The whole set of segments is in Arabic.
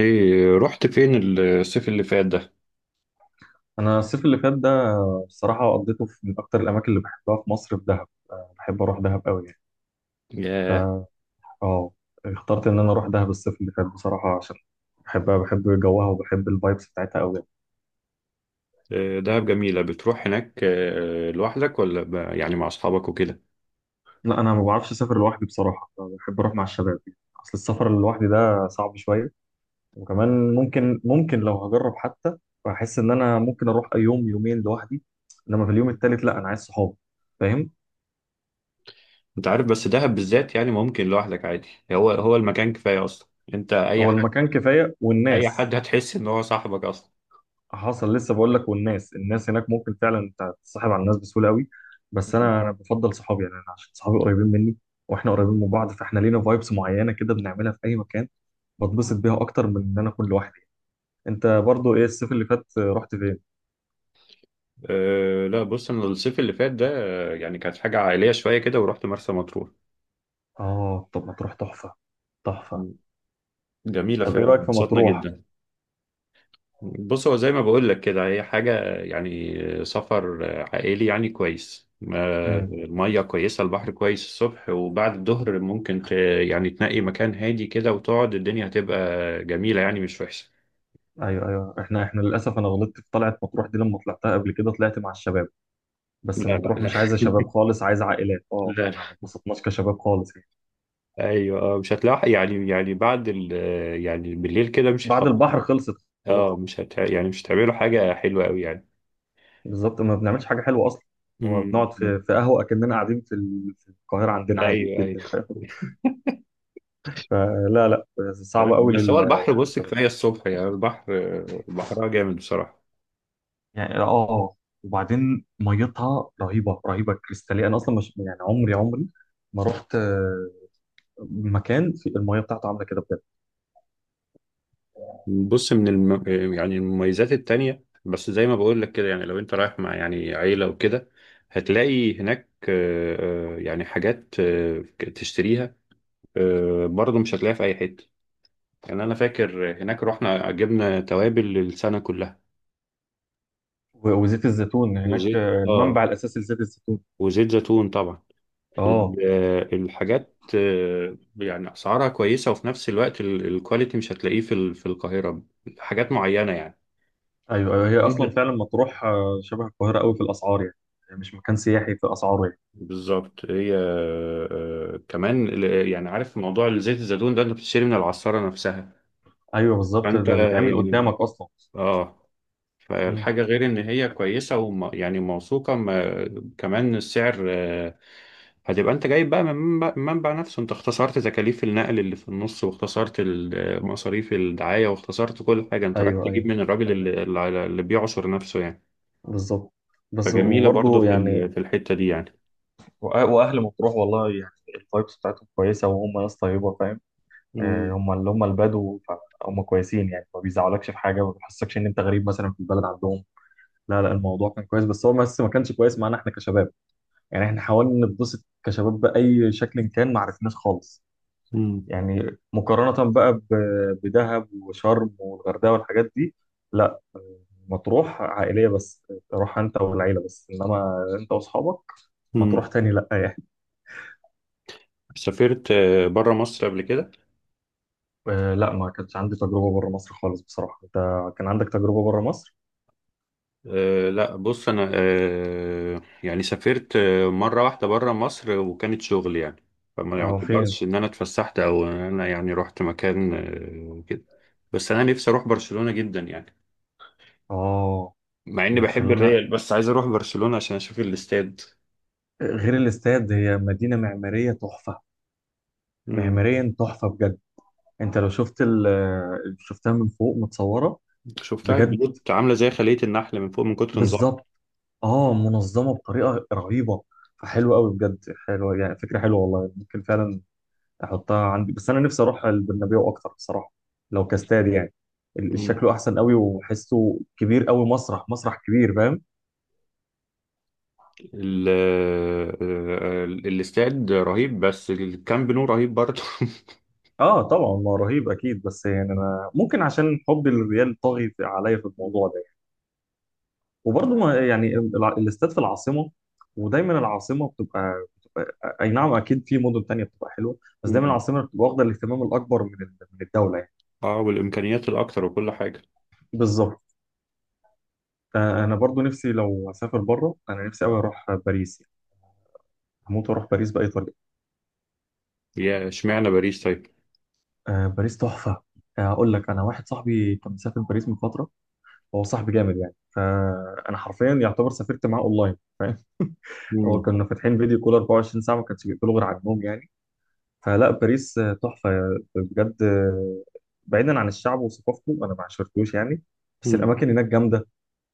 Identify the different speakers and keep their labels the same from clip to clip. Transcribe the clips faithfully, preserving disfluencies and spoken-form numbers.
Speaker 1: ايه رحت فين الصيف اللي فات ده؟
Speaker 2: انا الصيف اللي فات ده بصراحه قضيته في من اكتر الاماكن اللي بحبها في مصر، في دهب. أه، بحب اروح دهب قوي يعني.
Speaker 1: ياه.
Speaker 2: اه، اخترت ان انا اروح دهب الصيف اللي فات بصراحه عشان بحبها، بحب جوها وبحب الفايبس بتاعتها قوي.
Speaker 1: آه، دهب جميلة بتروح هناك، آه، لوحدك ولا ب- يعني مع أصحابك وكده؟
Speaker 2: لا، انا ما بعرفش اسافر لوحدي بصراحه. آه، بحب اروح مع الشباب يعني. اصل السفر لوحدي ده صعب شويه. وكمان ممكن ممكن لو هجرب حتى بحس ان انا ممكن اروح يوم يومين لوحدي، انما في اليوم التالت لا، انا عايز صحابي. فاهم.
Speaker 1: أنت عارف بس دهب بالذات يعني ممكن لوحدك عادي، هو هو المكان كفاية أصلا. أنت أي
Speaker 2: هو
Speaker 1: حد
Speaker 2: المكان كفايه
Speaker 1: أي
Speaker 2: والناس.
Speaker 1: حد هتحس إن هو صاحبك أصلا.
Speaker 2: حصل لسه بقول لك، والناس الناس هناك ممكن فعلا انت تتصاحب على الناس بسهوله قوي. بس انا انا بفضل صحابي يعني، انا عشان صحابي قريبين مني واحنا قريبين من بعض، فاحنا لينا فايبس معينه كده بنعملها في اي مكان.
Speaker 1: مم.
Speaker 2: بتبسط بيها اكتر من ان انا اكون لوحدي. انت برضو ايه الصيف اللي فات رحت فين؟
Speaker 1: أه لا بص أنا الصيف اللي فات ده، آه، يعني كانت حاجة عائلية شوية كده ورحت مرسى مطروح.
Speaker 2: اه، طب مطروح تحفه، تحفه.
Speaker 1: مم. جميلة
Speaker 2: طب ايه
Speaker 1: فعلا،
Speaker 2: رايك في
Speaker 1: انبسطنا
Speaker 2: مطروح؟
Speaker 1: جدا. بص هو زي ما بقول لك كده، هي حاجة يعني سفر عائلي، يعني كويس، ما-
Speaker 2: امم.
Speaker 1: المية كويسة، البحر كويس الصبح وبعد الظهر، ممكن ت- يعني تنقي مكان هادي كده وتقعد، الدنيا هتبقى جميلة يعني، مش وحشة.
Speaker 2: ايوه، ايوه، احنا احنا للاسف، انا غلطت في طلعه مطروح دي، لما طلعتها قبل كده طلعت مع الشباب.
Speaker 1: لا
Speaker 2: بس
Speaker 1: لا
Speaker 2: مطروح مش عايزه شباب
Speaker 1: لا.
Speaker 2: خالص، عايزه عائلات. اه،
Speaker 1: لا لا.
Speaker 2: احنا ما اتبسطناش كشباب خالص.
Speaker 1: ايوه، آه، مش هتلاقي يعني يعني بعد ال يعني بالليل كده مش
Speaker 2: بعد
Speaker 1: هيخلص.
Speaker 2: البحر خلصت. خلاص.
Speaker 1: اه، مش هت يعني مش هتعملوا حاجة حلوة قوي يعني.
Speaker 2: بالظبط، ما بنعملش حاجه حلوه اصلا. هو
Speaker 1: امم.
Speaker 2: بنقعد في في قهوه اكننا قاعدين في ال- في القاهره عندنا، عادي
Speaker 1: ايوه ايوه.
Speaker 2: جدا، فاهم. فلا، لا،
Speaker 1: تمام.
Speaker 2: صعبه قوي
Speaker 1: بس
Speaker 2: لل-
Speaker 1: هو البحر، بص
Speaker 2: للشباب
Speaker 1: كفاية الصبح يعني، البحر بحرها جامد بصراحة.
Speaker 2: يعني. اه، وبعدين ميتها رهيبه، رهيبه، كريستاليه. انا اصلا مش يعني عمري، عمري ما رحت، آه، مكان في الميه بتاعته عامله كده بجد.
Speaker 1: بص من الم... يعني المميزات التانية، بس زي ما بقول لك كده يعني، لو انت رايح مع يعني عيلة وكده، هتلاقي هناك آه، آه، يعني حاجات آه، تشتريها، آه، برضه مش هتلاقيها في أي حتة. يعني أنا فاكر هناك رحنا جبنا توابل للسنة كلها.
Speaker 2: و- وزيت الزيتون هناك،
Speaker 1: وزيت
Speaker 2: آه،
Speaker 1: اه
Speaker 2: المنبع الاساسي لزيت الزيتون.
Speaker 1: وزيت زيتون طبعا. ال-
Speaker 2: اه،
Speaker 1: آه، الحاجات، آه، يعني أسعارها كويسة، وفي نفس الوقت ال- الكواليتي مش هتلاقيه في ال- في القاهرة، حاجات معينة يعني.
Speaker 2: ايوه، أيوة، هي اصلا فعلا مطروح آه، شبه القاهره قوي في الاسعار، يعني مش مكان سياحي في اسعاره يعني.
Speaker 1: بالظبط. هي، آه، آه، كمان، ال- آه، يعني عارف موضوع زيت الزيتون ده، انت بتشتري من العصارة نفسها.
Speaker 2: ايوه، بالظبط،
Speaker 1: فانت
Speaker 2: ده بيتعمل
Speaker 1: يعني،
Speaker 2: قدامك اصلا.
Speaker 1: اه
Speaker 2: مم.
Speaker 1: فالحاجة غير ان هي كويسة، وم يعني موثوقة. ما كمان السعر، آه، هتبقى انت جايب بقى من منبع منبع نفسه، انت اختصرت تكاليف النقل اللي في النص، واختصرت ال- آه، مصاريف الدعاية، واختصرت كل حاجة، انت رايح
Speaker 2: ايوه،
Speaker 1: تجيب
Speaker 2: ايوه،
Speaker 1: من الراجل
Speaker 2: ايوه،
Speaker 1: اللي, اللي اللي بيعصر نفسه يعني.
Speaker 2: بالظبط. بس
Speaker 1: فجميلة برضو
Speaker 2: وبرضه
Speaker 1: في
Speaker 2: يعني.
Speaker 1: ال- في الحتة دي يعني.
Speaker 2: وأ- واهل مطروح والله يعني الفايبس بتاعتهم كويسه، وهم ناس طيبه، فاهم. آه،
Speaker 1: مم.
Speaker 2: هم اللي هم البدو، فهم كويسين يعني، ما بيزعلكش في حاجه، ما بيحسكش ان انت غريب مثلا في البلد عندهم. لا لا، الموضوع كان كويس، بس هو بس ما كانش كويس معانا احنا كشباب يعني. احنا حاولنا نتبسط كشباب باي شكل كان، ما عرفناش خالص يعني، مقارنة بقى ب- بدهب وشرم والغردقة والحاجات دي. لا، مطروح عائلية بس، تروح انت والعيلة بس، انما انت واصحابك مطروح
Speaker 1: مم.
Speaker 2: تاني لا يعني.
Speaker 1: سافرت بره مصر قبل كده؟
Speaker 2: آه، لا، ما كانش عندي تجربة بره مصر خالص بصراحة. انت كان عندك تجربة بره مصر؟
Speaker 1: آه، لا بص، انا، آه، يعني سافرت آه، مره واحده بره مصر، وكانت شغل يعني، فما
Speaker 2: اه، فين؟
Speaker 1: يعتبرش ان انا اتفسحت او ان انا يعني رحت مكان آه، وكده. بس انا نفسي اروح برشلونه جدا يعني،
Speaker 2: اه،
Speaker 1: مع اني بحب
Speaker 2: برشلونة،
Speaker 1: الريال، بس عايز اروح برشلونه عشان اشوف الاستاد.
Speaker 2: غير الاستاد هي مدينة معمارية تحفة.
Speaker 1: مم.
Speaker 2: معماريا تحفة بجد. انت لو شفت ال- شفتها من فوق متصورة.
Speaker 1: شفتها،
Speaker 2: بجد.
Speaker 1: البيوت عامله زي خليه النحل من فوق من كتر نظامها.
Speaker 2: بالظبط. اه، منظمه بطريقه رهيبه. فحلوه قوي بجد، حلوه يعني، فكره حلوه والله. ممكن فعلا احطها عندي، بس انا نفسي اروح البرنابيو اكتر بصراحه. لو كاستاد يعني، ال-
Speaker 1: مم.
Speaker 2: شكله احسن قوي وحسه كبير قوي، مسرح، مسرح كبير، فاهم.
Speaker 1: ال- آه، آه، الاستاد رهيب، بس الكامب نو رهيب برضه.
Speaker 2: اه، طبعا ما رهيب اكيد، بس يعني انا ممكن عشان حب الريال طاغي في- عليا في الموضوع ده يعني. وبرضه ما يعني الع- الاستاد في العاصمه، ودايما العاصمه بتبقى, بتبقى اي نعم، اكيد في مدن تانية بتبقى حلوه، بس دايما
Speaker 1: مم.
Speaker 2: العاصمه بتبقى واخده الاهتمام الاكبر من ال- من الدوله.
Speaker 1: اه، والامكانيات الاكتر وكل حاجه.
Speaker 2: بالظبط. آه، انا برضو نفسي لو اسافر بره، انا نفسي قوي اروح باريس يعني. هموت واروح باريس باي طريقه.
Speaker 1: يا اشمعنى باريس طيب؟
Speaker 2: آه، باريس تحفه. آه، اقول لك، انا واحد صاحبي كان مسافر باريس من فتره. هو صاحبي جامد يعني، فانا حرفيا يعتبر سافرت معاه اونلاين. هو
Speaker 1: امم.
Speaker 2: كنا فاتحين فيديو كول أربعة وعشرين ساعة ساعه، ما كانش بيقفلوا غير على النوم يعني. فلا، باريس آه، تحفه بجد. آه، بعيدا عن الشعب وثقافته انا ما عشرتوش يعني، بس
Speaker 1: امم.
Speaker 2: الاماكن هناك جامده.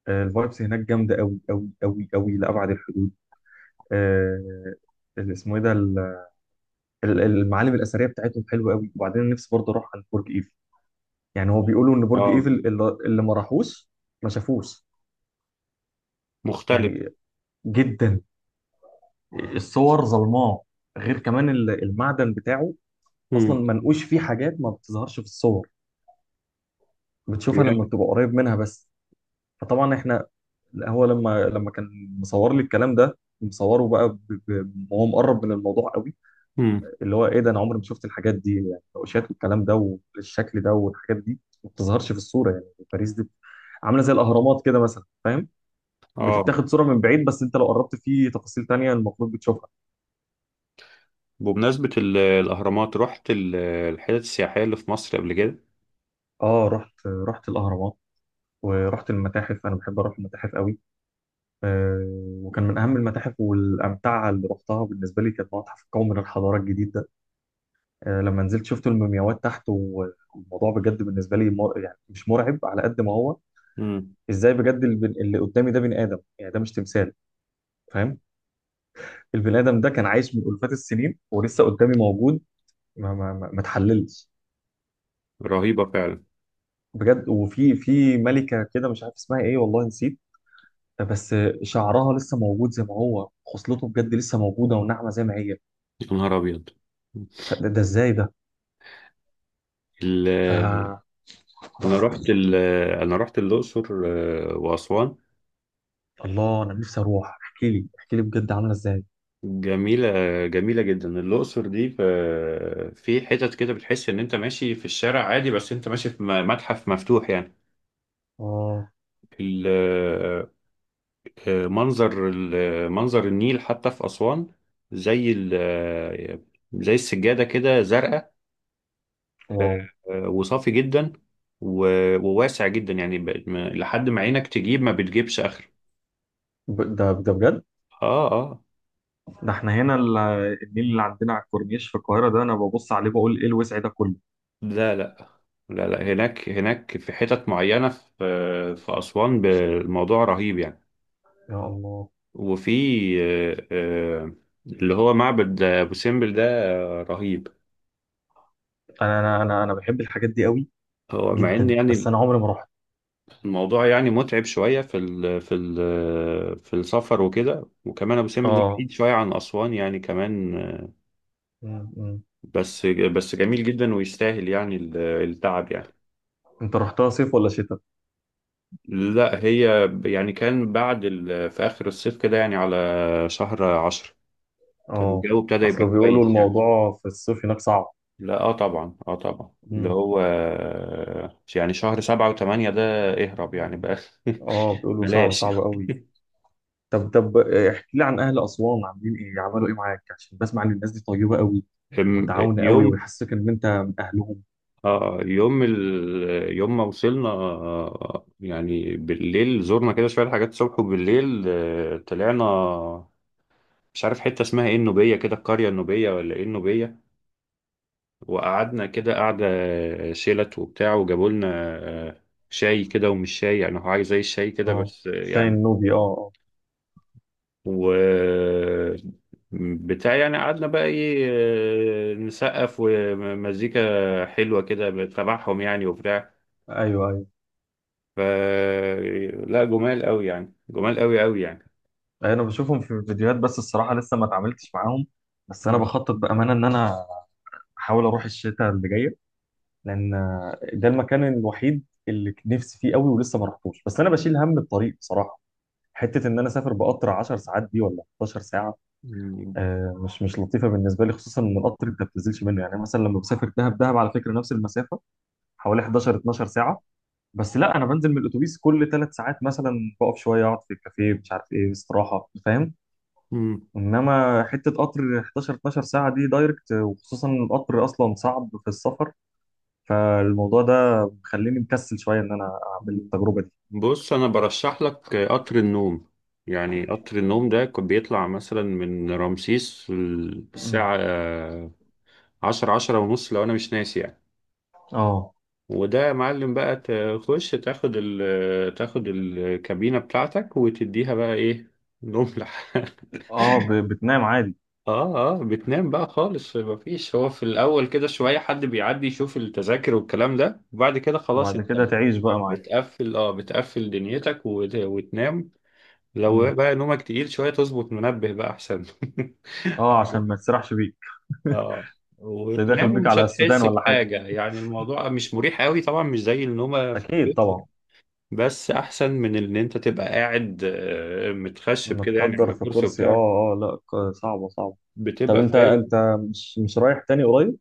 Speaker 2: آه، الفايبس هناك جامده قوي قوي قوي قوي لابعد الحدود. آه، اللي اسمه ايه ده، ال- المعالم الاثريه بتاعتهم حلوه قوي. وبعدين نفسي برضه اروح عند برج ايفل، يعني هو بيقولوا ان برج
Speaker 1: اه،
Speaker 2: ايفل اللي اللي ما راحوش ما شافوش
Speaker 1: مختلف.
Speaker 2: يعني، جدا. الصور ظلماء، غير كمان ال- المعدن بتاعه اصلا
Speaker 1: امم.
Speaker 2: منقوش فيه حاجات ما بتظهرش في الصور، بتشوفها لما
Speaker 1: يا.
Speaker 2: بتبقى قريب منها بس. فطبعا احنا هو لما لما كان مصور لي الكلام ده، مصوره بقى ب- ب- وهو مقرب من الموضوع،
Speaker 1: امم.
Speaker 2: اللي هو ايه ده، انا عمري ما شفت الحاجات دي يعني، النقوشات والكلام ده والشكل ده والحاجات دي ما بتظهرش في الصوره يعني. باريس دي عامله زي الاهرامات كده مثلا فاهم،
Speaker 1: اه،
Speaker 2: بتتاخد صوره من بعيد بس انت لو قربت في تفاصيل تانية المفروض بتشوفها.
Speaker 1: بمناسبه ال- الاهرامات، رحت ال- الحتت السياحيه اللي في مصر قبل كده؟
Speaker 2: اه، رحت، رحت الاهرامات ورحت المتاحف، انا بحب اروح المتاحف قوي. آه، وكان من اهم المتاحف والامتعه اللي رحتها بالنسبه لي كان متحف القومي من الحضاره الجديد ده. آه، لما نزلت شفت المومياوات تحت، و- والموضوع بجد بالنسبه لي مر... يعني مش مرعب على قد ما هو
Speaker 1: امم.
Speaker 2: ازاي بجد. البن- اللي قدامي ده بني ادم يعني، ده مش تمثال، فاهم. البني ادم ده كان عايش من الفات السنين ولسه قدامي موجود، ما ما ما ما اتحللش
Speaker 1: رهيبه فعلا.
Speaker 2: بجد. وفي في ملكه كده مش عارف اسمها ايه والله نسيت، بس شعرها لسه موجود زي ما هو، خصلته بجد لسه موجوده وناعمه زي ما هي.
Speaker 1: يا نهار ابيض.
Speaker 2: فده، ده ازاي ده؟ ف
Speaker 1: ال- انا رحت ال- انا رحت الاقصر آه، واسوان.
Speaker 2: الله، انا نفسي اروح. احكي لي، احكي لي بجد عامله ازاي.
Speaker 1: جميله. جميله جدا الاقصر دي، في في حتت كده بتحس ان انت ماشي في الشارع عادي، بس انت ماشي في م- متحف مفتوح يعني.
Speaker 2: اه.
Speaker 1: ال- آه، منظر ال- آه، منظر النيل حتى في أسوان، زي ال- آه، زي السجادة كده زرقاء،
Speaker 2: واو.
Speaker 1: آه، وصافي جدا، و- وواسع جدا يعني، ب- ما- لحد ما عينك تجيب، ما بتجيبش آخر.
Speaker 2: ب- ده ده بجد.
Speaker 1: اه اه.
Speaker 2: ده احنا هنا ال- النيل اللي عندنا على الكورنيش في القاهره ده، انا ببص عليه بقول ايه الوسع ده كله.
Speaker 1: لا لا. لا لا، هناك هناك في حتت معينة في في أسوان، ب- الموضوع رهيب يعني.
Speaker 2: يا الله.
Speaker 1: وفي آه، آه، اللي هو معبد أبو سمبل ده، آه، رهيب.
Speaker 2: انا انا انا انا بحب الحاجات دي قوي
Speaker 1: هو مع ان
Speaker 2: جدا، بس
Speaker 1: يعني،
Speaker 2: انا عمري ما رحت.
Speaker 1: الموضوع يعني متعب شوية في ال في ال في السفر وكده، وكمان أبو سمبل ده
Speaker 2: اه.
Speaker 1: بعيد شوية عن أسوان يعني كمان.
Speaker 2: مم، مم.
Speaker 1: بس بس جميل جدا، ويستاهل يعني ال- التعب يعني.
Speaker 2: انت رحتها صيف ولا شتاء؟
Speaker 1: لا، هي يعني كان بعد ال في آخر الصيف كده يعني، على شهر عشرة، كان
Speaker 2: اه،
Speaker 1: الجو ابتدى يبقى
Speaker 2: اصل بيقولوا
Speaker 1: كويس يعني.
Speaker 2: الموضوع في الصيف هناك صعب.
Speaker 1: لا، اه طبعا، اه طبعا، اللي
Speaker 2: مم.
Speaker 1: هو يعني شهر سبعة وثمانية ده، اهرب يعني بقى.
Speaker 2: اه، بيقولوا صعب
Speaker 1: بلاش.
Speaker 2: صعب قوي. طب، طب احكي لي عن اهل اسوان، عاملين ايه، عملوا ايه معاك؟ عشان بسمع ان الناس دي طيبة قوي
Speaker 1: أم-
Speaker 2: ومتعاونه قوي
Speaker 1: يوم،
Speaker 2: ويحسسك ان انت من اهلهم.
Speaker 1: اه، يوم ال... يوم ما وصلنا، آه، يعني بالليل زرنا كده شوية حاجات، الصبح وبالليل، آه، طلعنا، مش عارف حتة اسمها ايه، النوبية كده، القرية النوبية ولا ايه النوبية، وقعدنا كده قعدة شيلت وبتاع، وجابوا لنا آه، شاي كده، ومش شاي يعني، هو حاجة زي الشاي كده،
Speaker 2: اه،
Speaker 1: بس آه،
Speaker 2: شاي
Speaker 1: يعني،
Speaker 2: النوبي، اه اه.
Speaker 1: و بتاع يعني. قعدنا بقى ايه، آه، نسقف ومزيكا حلوة كده تبعهم يعني وبتاع.
Speaker 2: ايوه، ايوه،
Speaker 1: ف لا، جمال قوي يعني، جمال قوي قوي يعني.
Speaker 2: أيوة، انا بشوفهم في الفيديوهات، بس الصراحة لسه ما اتعاملتش معاهم. بس انا
Speaker 1: مم.
Speaker 2: بخطط بأمانة ان انا احاول اروح الشتاء اللي جايه، لان ده المكان الوحيد اللي نفسي فيه قوي ولسه ما رحتوش. بس انا بشيل هم الطريق بصراحه، حته ان انا اسافر بقطر 10 ساعات دي ولا إحدى عشرة ساعة ساعه،
Speaker 1: مم.
Speaker 2: آه، مش مش لطيفه بالنسبه لي، خصوصا ان القطر انت ما بتنزلش منه. يعني مثلا لما بسافر دهب، دهب على فكره نفس المسافه حوالي احداشر اتناشر ساعه، بس لا انا بنزل من الاتوبيس كل ثلاث ساعات مثلا، بقف شويه، اقعد في الكافيه، مش عارف ايه، استراحه، فاهم.
Speaker 1: مم.
Speaker 2: انما حته قطر احداشر اتناشر ساعه دي دايركت، وخصوصا إن القطر اصلا صعب في السفر. فالموضوع ده مخليني مكسل شويه ان انا اعمل التجربه دي.
Speaker 1: بص، انا برشح لك قطر النوم. يعني قطر النوم ده كان بيطلع مثلا من رمسيس
Speaker 2: مم.
Speaker 1: الساعة عشرة، عشرة ونص لو انا مش ناسي يعني.
Speaker 2: اه
Speaker 1: وده يا معلم بقى، تخش تاخد ال تاخد الكابينة بتاعتك وتديها بقى ايه، نملة.
Speaker 2: اه، ب- بتنام عادي.
Speaker 1: اه اه. بتنام بقى خالص، مفيش، هو في الاول كده شويه حد بيعدي يشوف التذاكر والكلام ده، وبعد كده خلاص
Speaker 2: وبعد
Speaker 1: انت
Speaker 2: كده
Speaker 1: بت-
Speaker 2: تعيش بقى معاه.
Speaker 1: بتقفل، اه بتقفل دنيتك وت- وتنام.
Speaker 2: مم.
Speaker 1: لو بقى نومك تقيل شويه تظبط منبه بقى احسن.
Speaker 2: اه، عشان ما تسرحش بيك.
Speaker 1: اه،
Speaker 2: اللي داخل
Speaker 1: وتنام
Speaker 2: بيك
Speaker 1: ومش
Speaker 2: على السودان
Speaker 1: هتحس
Speaker 2: ولا حاجه،
Speaker 1: بحاجه، يعني الموضوع مش مريح قوي طبعا، مش زي النومه في
Speaker 2: اكيد
Speaker 1: البيت
Speaker 2: طبعا.
Speaker 1: يعني. بس احسن من ان انت تبقى قاعد، آه، متخشب كده يعني
Speaker 2: متقدر
Speaker 1: على
Speaker 2: في
Speaker 1: كرسي
Speaker 2: كرسي اه،
Speaker 1: وبتاع،
Speaker 2: اه لا، ك- صعبه صعبه. طب،
Speaker 1: بتبقى
Speaker 2: انت
Speaker 1: فارق.
Speaker 2: انت مش، مش رايح تاني قريب؟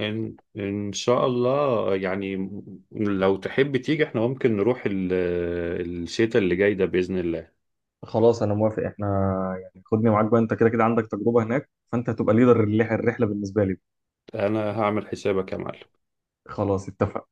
Speaker 1: إن إن شاء الله يعني، لو تحب تيجي، احنا ممكن نروح ال- الشتاء اللي جاي ده بإذن الله.
Speaker 2: خلاص انا موافق. احنا يعني، خدني معاك بقى، انت كده كده عندك تجربه هناك، فانت هتبقى ليدر الرحله بالنسبه لي.
Speaker 1: أنا هعمل حسابك يا معلم.
Speaker 2: خلاص، اتفقنا.